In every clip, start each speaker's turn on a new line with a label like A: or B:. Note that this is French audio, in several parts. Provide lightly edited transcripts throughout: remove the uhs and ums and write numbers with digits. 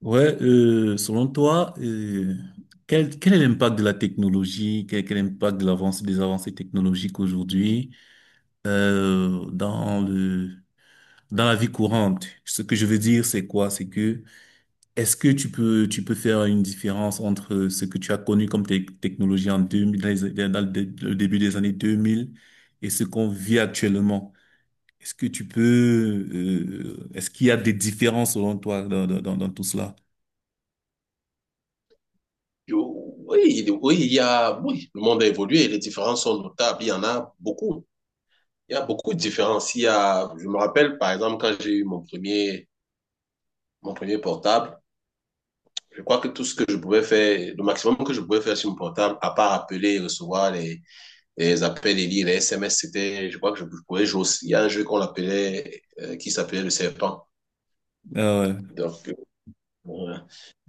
A: Ouais, selon toi, quel est l'impact de la technologie, quel est l'impact de des avancées technologiques aujourd'hui euh, dans le, dans la vie courante. Ce que je veux dire, c'est quoi? C'est que est-ce que tu peux faire une différence entre ce que tu as connu comme technologie en 2000, dans le début des années 2000 et ce qu'on vit actuellement? Est-ce que tu peux, est-ce qu'il y a des différences selon toi dans tout cela?
B: Oui, oui, oui, le monde a évolué, les différences sont notables, il y en a beaucoup. Il y a beaucoup de différences. Il y a, je me rappelle, par exemple, quand j'ai eu mon premier portable, je crois que tout ce que je pouvais faire, le maximum que je pouvais faire sur mon portable, à part appeler et recevoir les appels et lire les SMS, c'était, je crois que je pouvais jouer aussi. Il y a un jeu qui s'appelait le serpent.
A: Ah ouais.
B: Donc, euh,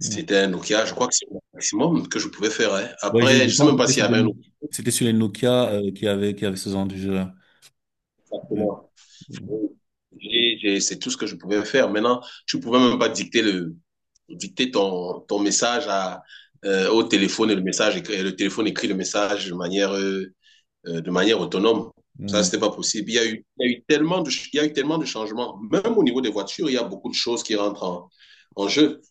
A: Ouais,
B: un Nokia, je crois que c'est le maximum que je pouvais faire, hein. Après,
A: Je
B: je sais
A: pense
B: même
A: que
B: pas
A: c'était
B: s'il
A: sur
B: y
A: des
B: avait un
A: No- c'était sur les Nokia, qui avaient ce genre de jeu-là. Mm.
B: autre. C'est tout ce que je pouvais faire. Maintenant, tu pouvais même pas dicter ton message au téléphone, et et le téléphone écrit le message de manière autonome. Ça, c'était pas possible. Il y a eu, il y a eu tellement de, ch- Il y a eu tellement de changements. Même au niveau des voitures, il y a beaucoup de choses qui rentrent en jeu.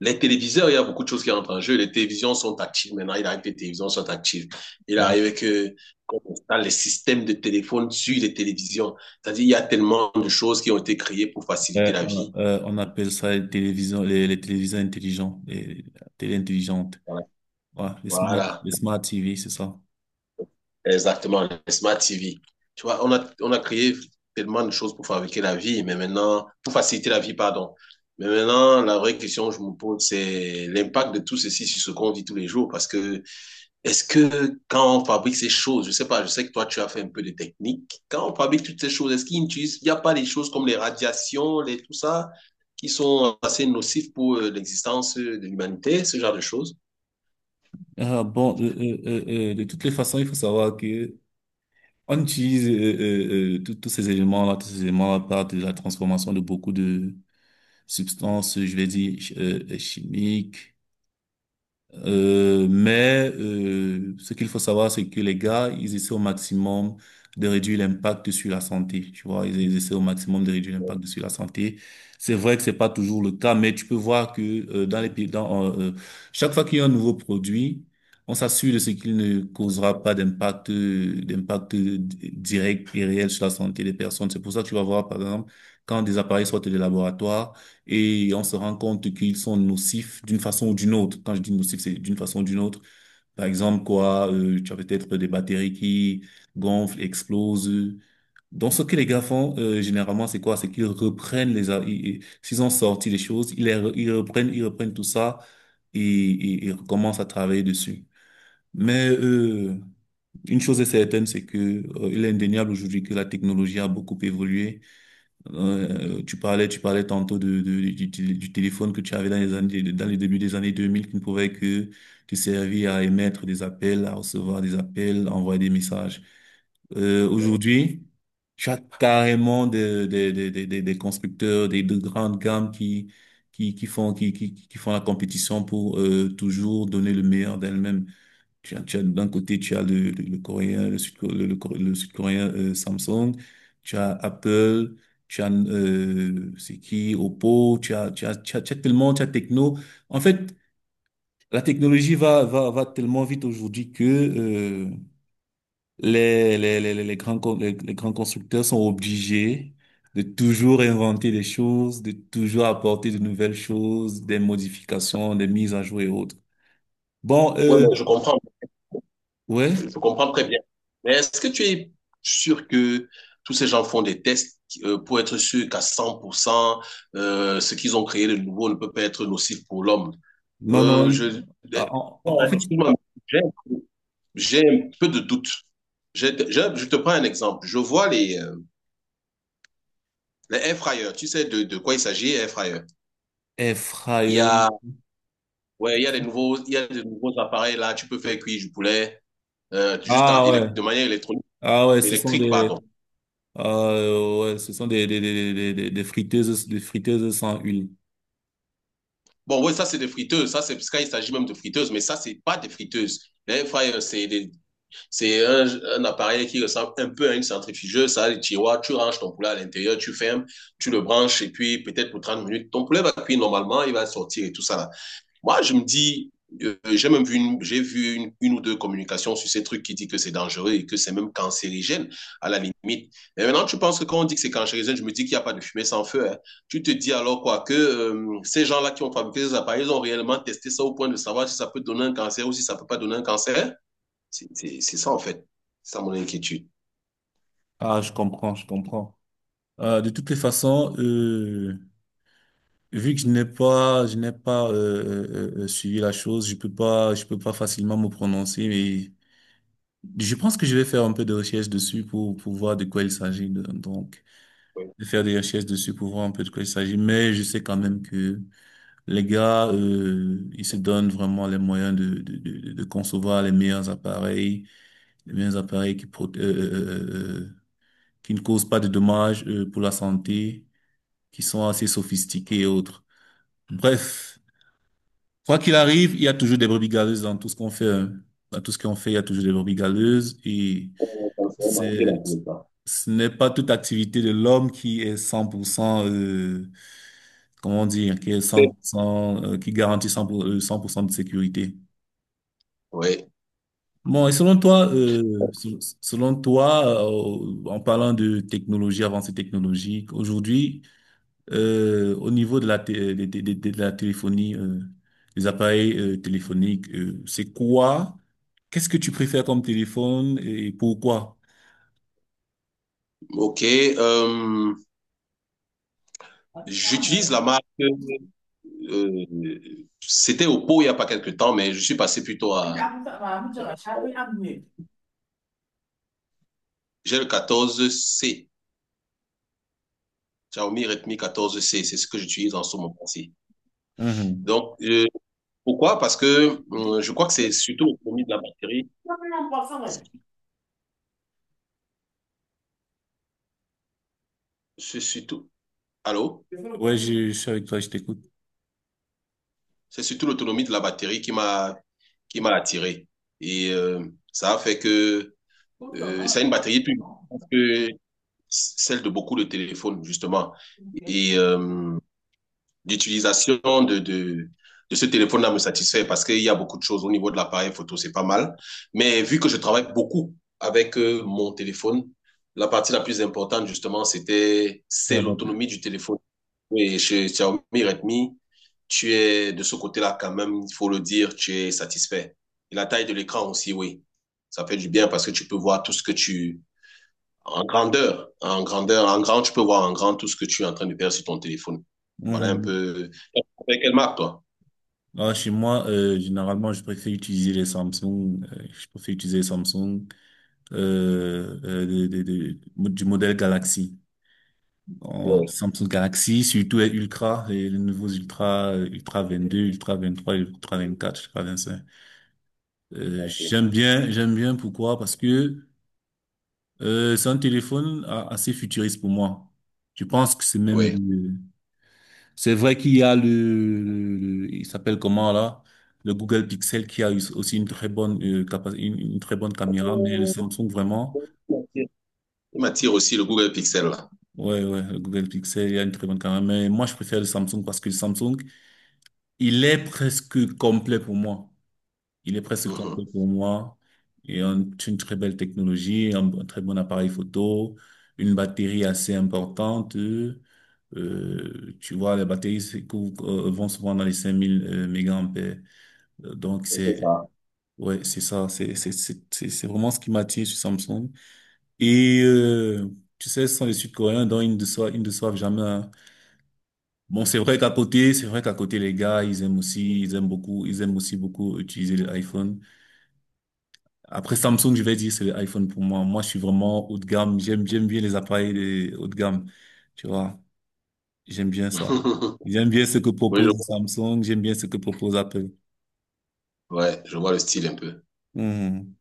B: Les téléviseurs, il y a beaucoup de choses qui rentrent en jeu. Les télévisions sont actives maintenant. Il arrive que les télévisions sont actives. Il
A: Mm.
B: arrive que qu'on installe les systèmes de téléphone sur les télévisions. C'est-à-dire, il y a tellement de choses qui ont été créées pour faciliter
A: Ouais,
B: la vie.
A: on appelle ça les télévisions, les téléviseurs intelligents, les télé intelligentes. Ouais,
B: Voilà,
A: les smart TV, c'est ça.
B: exactement. Les smart TV. Tu vois, on a créé tellement de choses pour fabriquer la vie, mais maintenant, pour faciliter la vie, pardon. Mais maintenant, la vraie question que je me pose, c'est l'impact de tout ceci sur ce qu'on vit tous les jours, parce que est-ce que quand on fabrique ces choses, je sais pas, je sais que toi tu as fait un peu de technique, quand on fabrique toutes ces choses, est-ce qu'il n'y a pas des choses comme les radiations, tout ça, qui sont assez nocives pour l'existence de l'humanité, ce genre de choses?
A: De toutes les façons, il faut savoir que on utilise tous ces éléments-là, tous ces éléments-là partent de la transformation de beaucoup de substances, je vais dire, chimiques. Ce qu'il faut savoir, c'est que les gars, ils essaient au maximum de réduire l'impact sur la santé. Tu vois, ils essaient au maximum de réduire l'impact sur la santé. C'est vrai que c'est pas toujours le cas, mais tu peux voir que dans les pays, chaque fois qu'il y a un nouveau produit, on s'assure de ce qu'il ne causera pas d'impact, direct et réel sur la santé des personnes. C'est pour ça que tu vas voir, par exemple, quand des appareils sortent des laboratoires. Et on se rend compte qu'ils sont nocifs d'une façon ou d'une autre. Quand je dis nocifs, c'est d'une façon ou d'une autre. Par exemple, quoi, tu as peut-être des batteries qui gonflent, explosent. Donc, ce que les gars font, généralement, c'est quoi? C'est qu'ils reprennent les... a- i- i- S'ils ont sorti les choses, ils, les re- ils reprennent tout ça et, et recommencent à travailler dessus. Mais euh, une chose est certaine, c'est que il est indéniable aujourd'hui que la technologie a beaucoup évolué. Tu parlais tantôt du téléphone que tu avais dans les années, dans les débuts des années 2000 qui ne pouvait que te servir à émettre des appels, à recevoir des appels, à envoyer des messages.
B: Ouais,
A: Aujourd'hui, tu as carrément des constructeurs, des, de grandes gammes qui font la compétition pour toujours donner le meilleur d'elles-mêmes. D'un côté, tu as le coréen, le sud, le, Coré- le sud-coréen Samsung, tu as Apple, tu as c'est qui, Oppo, tu as tellement, tu as Techno. En fait, la technologie va tellement vite aujourd'hui que les grands, les grands constructeurs sont obligés de toujours inventer des choses, de toujours apporter de nouvelles choses, des modifications, des mises à jour et autres. Bon, euh,
B: bon,
A: ouais.
B: je comprends très bien. Mais est-ce que tu es sûr que tous ces gens font des tests, pour être sûr qu'à 100%, ce qu'ils ont créé de nouveau ne peut pas être nocif pour l'homme?
A: Non, non,
B: Euh,
A: il-
B: je,
A: ah, en,
B: Ouais,
A: en fait,
B: excuse-moi, j'ai j'ai un peu de doute. Je te prends un exemple. Je vois les air fryers. Tu sais de quoi il s'agit, air fryer.
A: air
B: Il y
A: fryer.
B: a, ouais, il y a des nouveaux, appareils là. Tu peux faire cuire du poulet,
A: Ah ouais,
B: de manière
A: ah ouais,
B: électrique, pardon.
A: ouais, ce sont des friteuses, des friteuses sans huile.
B: Bon, ouais, ça c'est des friteuses. Ça c'est parce qu'il s'agit même de friteuses, mais ça c'est pas des friteuses. Les air fryers, c'est un appareil qui ressemble un peu à une centrifugeuse. Ça a des tiroirs. Tu ranges ton poulet à l'intérieur, tu fermes, tu le branches et puis peut-être pour 30 minutes, ton poulet va cuire normalement, il va sortir et tout ça là. Moi, je me dis, j'ai vu une ou deux communications sur ces trucs qui dit que c'est dangereux et que c'est même cancérigène, à la limite. Mais maintenant, tu penses que quand on dit que c'est cancérigène, je me dis qu'il n'y a pas de fumée sans feu, hein. Tu te dis alors quoi que, ces gens-là qui ont fabriqué ces appareils, ils ont réellement testé ça au point de savoir si ça peut donner un cancer ou si ça ne peut pas donner un cancer. C'est ça, en fait. C'est ça mon inquiétude.
A: Ah, je comprends, je comprends. De toutes les façons, vu que je n'ai pas suivi la chose, je peux pas facilement me prononcer. Je pense que je vais faire un peu de recherche dessus pour voir de quoi il s'agit. Donc,
B: Oui.
A: de faire des recherches dessus pour voir un peu de quoi il s'agit. Mais je sais quand même que les gars, ils se donnent vraiment les moyens de concevoir les meilleurs appareils euh, euh, qui ne causent pas de dommages, pour la santé, qui sont assez sophistiqués et autres. Bref, quoi qu'il arrive, il y a toujours des brebis galeuses dans tout ce qu'on fait, hein. Dans tout ce qu'on fait, il y a toujours des brebis galeuses et c'est, ce n'est pas toute activité de l'homme qui est 100%, comment dire, qui est 100%, qui garantit 100% de sécurité.
B: Oui.
A: Bon, et selon toi, selon toi, en parlant de technologie, avancée technologique, aujourd'hui, au niveau de la, té- de la téléphonie, des appareils, téléphoniques, c'est quoi? Qu'est-ce que tu préfères comme téléphone et pourquoi?
B: OK. J'utilise la marque, euh, c'était au pot il n'y a pas quelque temps, mais je suis passé plutôt à.
A: Abuja, chacun a mieux.
B: J'ai le 14C, Xiaomi Redmi 14C, c'est ce que j'utilise en ce moment-ci.
A: Mhm.
B: Donc, pourquoi? Parce que
A: Et puis,
B: je crois que c'est surtout l'autonomie de la batterie.
A: ça, c'est important, ouais.
B: C'est c'est surtout. Allô?
A: Parce que, ouais, je suis avec toi, je t'écoute.
B: C'est surtout l'autonomie de la batterie qui m'a attiré. Et ça a fait que,
A: Comme ça,
B: ça a
A: moi,
B: une batterie plus
A: non,
B: grande que celle de beaucoup de téléphones, justement.
A: ok.
B: Et d'utilisation de ce téléphone-là me satisfait parce qu'il y a beaucoup de choses au niveau de l'appareil photo, c'est pas mal. Mais vu que je travaille beaucoup avec mon téléphone, la partie la plus importante, justement, c'est
A: Ça va.
B: l'autonomie du téléphone. Et chez Xiaomi Redmi, tu es de ce côté-là quand même, il faut le dire, tu es satisfait. Et la taille de l'écran aussi, oui. Ça fait du bien parce que tu peux voir tout ce que tu... En grand, tu peux voir en grand tout ce que tu es en train de faire sur ton téléphone. Voilà un
A: Mhm.
B: peu, avec quelle marque, toi?
A: Ah, chez moi, généralement, je préfère utiliser les Samsung. Je préfère utiliser les Samsung du modèle Galaxy. En
B: Oui,
A: Samsung Galaxy, surtout les Ultra, les nouveaux Ultra, Ultra 22, Ultra 23, Ultra 24, Ultra 25.
B: ok.
A: J'aime bien pourquoi? Parce que c'est un téléphone assez futuriste pour moi. Je pense que c'est même
B: Oui.
A: le- C'est vrai qu'il y a il s'appelle comment là? Le Google Pixel qui a eu aussi une très bonne une très bonne caméra, mais le Samsung vraiment,
B: Il m'attire aussi, le Google Pixel, là.
A: ouais ouais, le Google Pixel il y a une très bonne caméra, mais moi je préfère le Samsung parce que le Samsung il est presque complet pour moi. Il est presque
B: Mhm.
A: complet pour moi. Et un- une très belle technologie, un très bon appareil photo, une batterie assez importante. Tu vois, les batteries c'est cou- vont souvent dans les 5 000 mégaampères. Euh, Donc,
B: C'est
A: c'est,
B: ça.
A: ouais, c'est ça. C'est vraiment ce qui m'attire sur Samsung. Et, euh, tu sais, ce sont les Sud-Coréens, dont ils ne doivent jamais, hein. Bon, c'est vrai qu'à côté, c'est vrai qu'à côté, les gars, ils aiment aussi beaucoup utiliser l'iPhone. Après Samsung, je vais dire c'est l'iPhone pour moi. Moi, je suis vraiment haut de gamme. J'aime bien les appareils les haut de gamme. Tu vois, j'aime bien ça. J'aime bien ce que
B: Oui, je
A: propose
B: vois.
A: Samsung. J'aime bien ce que propose Apple.
B: Ouais, je vois le style un peu.
A: Mhm.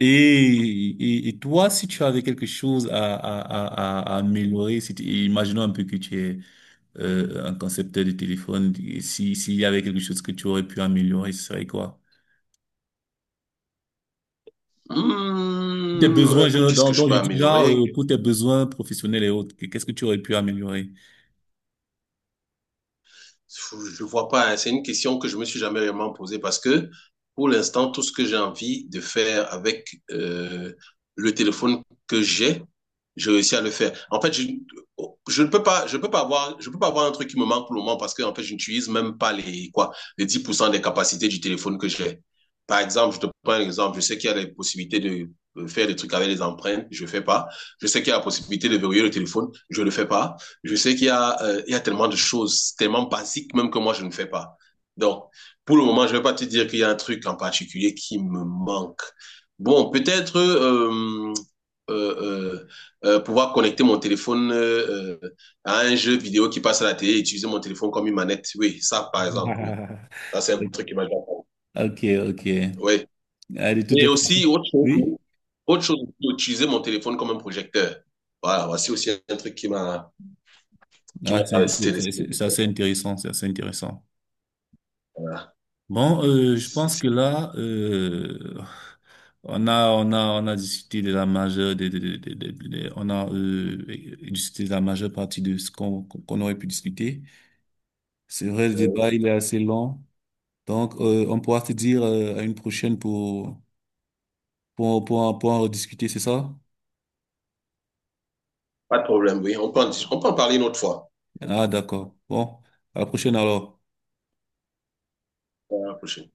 A: Et toi, si tu avais quelque chose à améliorer, si tu- imaginons un peu que tu es un concepteur de téléphone, et si, s'il y avait quelque chose que tu aurais pu améliorer, ce serait quoi? Tes besoins, genre,
B: Qu'est-ce que je
A: donc je
B: peux
A: dis genre,
B: améliorer?
A: pour tes besoins professionnels et autres, qu'est-ce que tu aurais pu améliorer?
B: Je ne vois pas, hein. C'est une question que je me suis jamais vraiment posée parce que, pour l'instant, tout ce que j'ai envie de faire avec le téléphone que j'ai, je réussis à le faire. En fait, je ne peux pas, je peux pas avoir, je peux pas avoir un truc qui me manque pour le moment parce que, en fait, je n'utilise même pas les 10% des capacités du téléphone que j'ai. Par exemple, je te prends un exemple. Je sais qu'il y a les possibilités de faire des trucs avec les empreintes, je fais pas. Je sais qu'il y a la possibilité de verrouiller le téléphone, je le fais pas. Je sais qu'il y a, il y a tellement de choses, tellement basiques même, que moi, je ne fais pas. Donc, pour le moment, je ne vais pas te dire qu'il y a un truc en particulier qui me manque. Bon, peut-être, euh, euh, pouvoir connecter mon téléphone, à un jeu vidéo qui passe à la télé, et utiliser mon téléphone comme une manette. Oui, ça, par exemple, oui. Ça, c'est un truc qui m'a déjà fait.
A: Ok, ok.
B: Oui.
A: Ah, de toutes
B: Et
A: les façons.
B: aussi, autre chose,
A: Oui?
B: utiliser mon téléphone comme un projecteur. Voilà, voici aussi un truc qui m'a
A: Ah,
B: traversé l'esprit.
A: c'est assez intéressant, c'est assez intéressant.
B: Voilà.
A: Bon, je
B: C'est-
A: pense que
B: c'est-
A: là, on a discuté de la majeure, des- on a discuté de la majeure partie de ce qu'on aurait pu discuter. C'est vrai, le
B: euh,
A: débat, il est assez long. Donc, on pourra se dire à une prochaine pour, pour en rediscuter, c'est ça?
B: Pas de problème, oui. On peut en parler une autre fois.
A: Ah, d'accord. Bon, à la prochaine alors.
B: Pour la prochaine.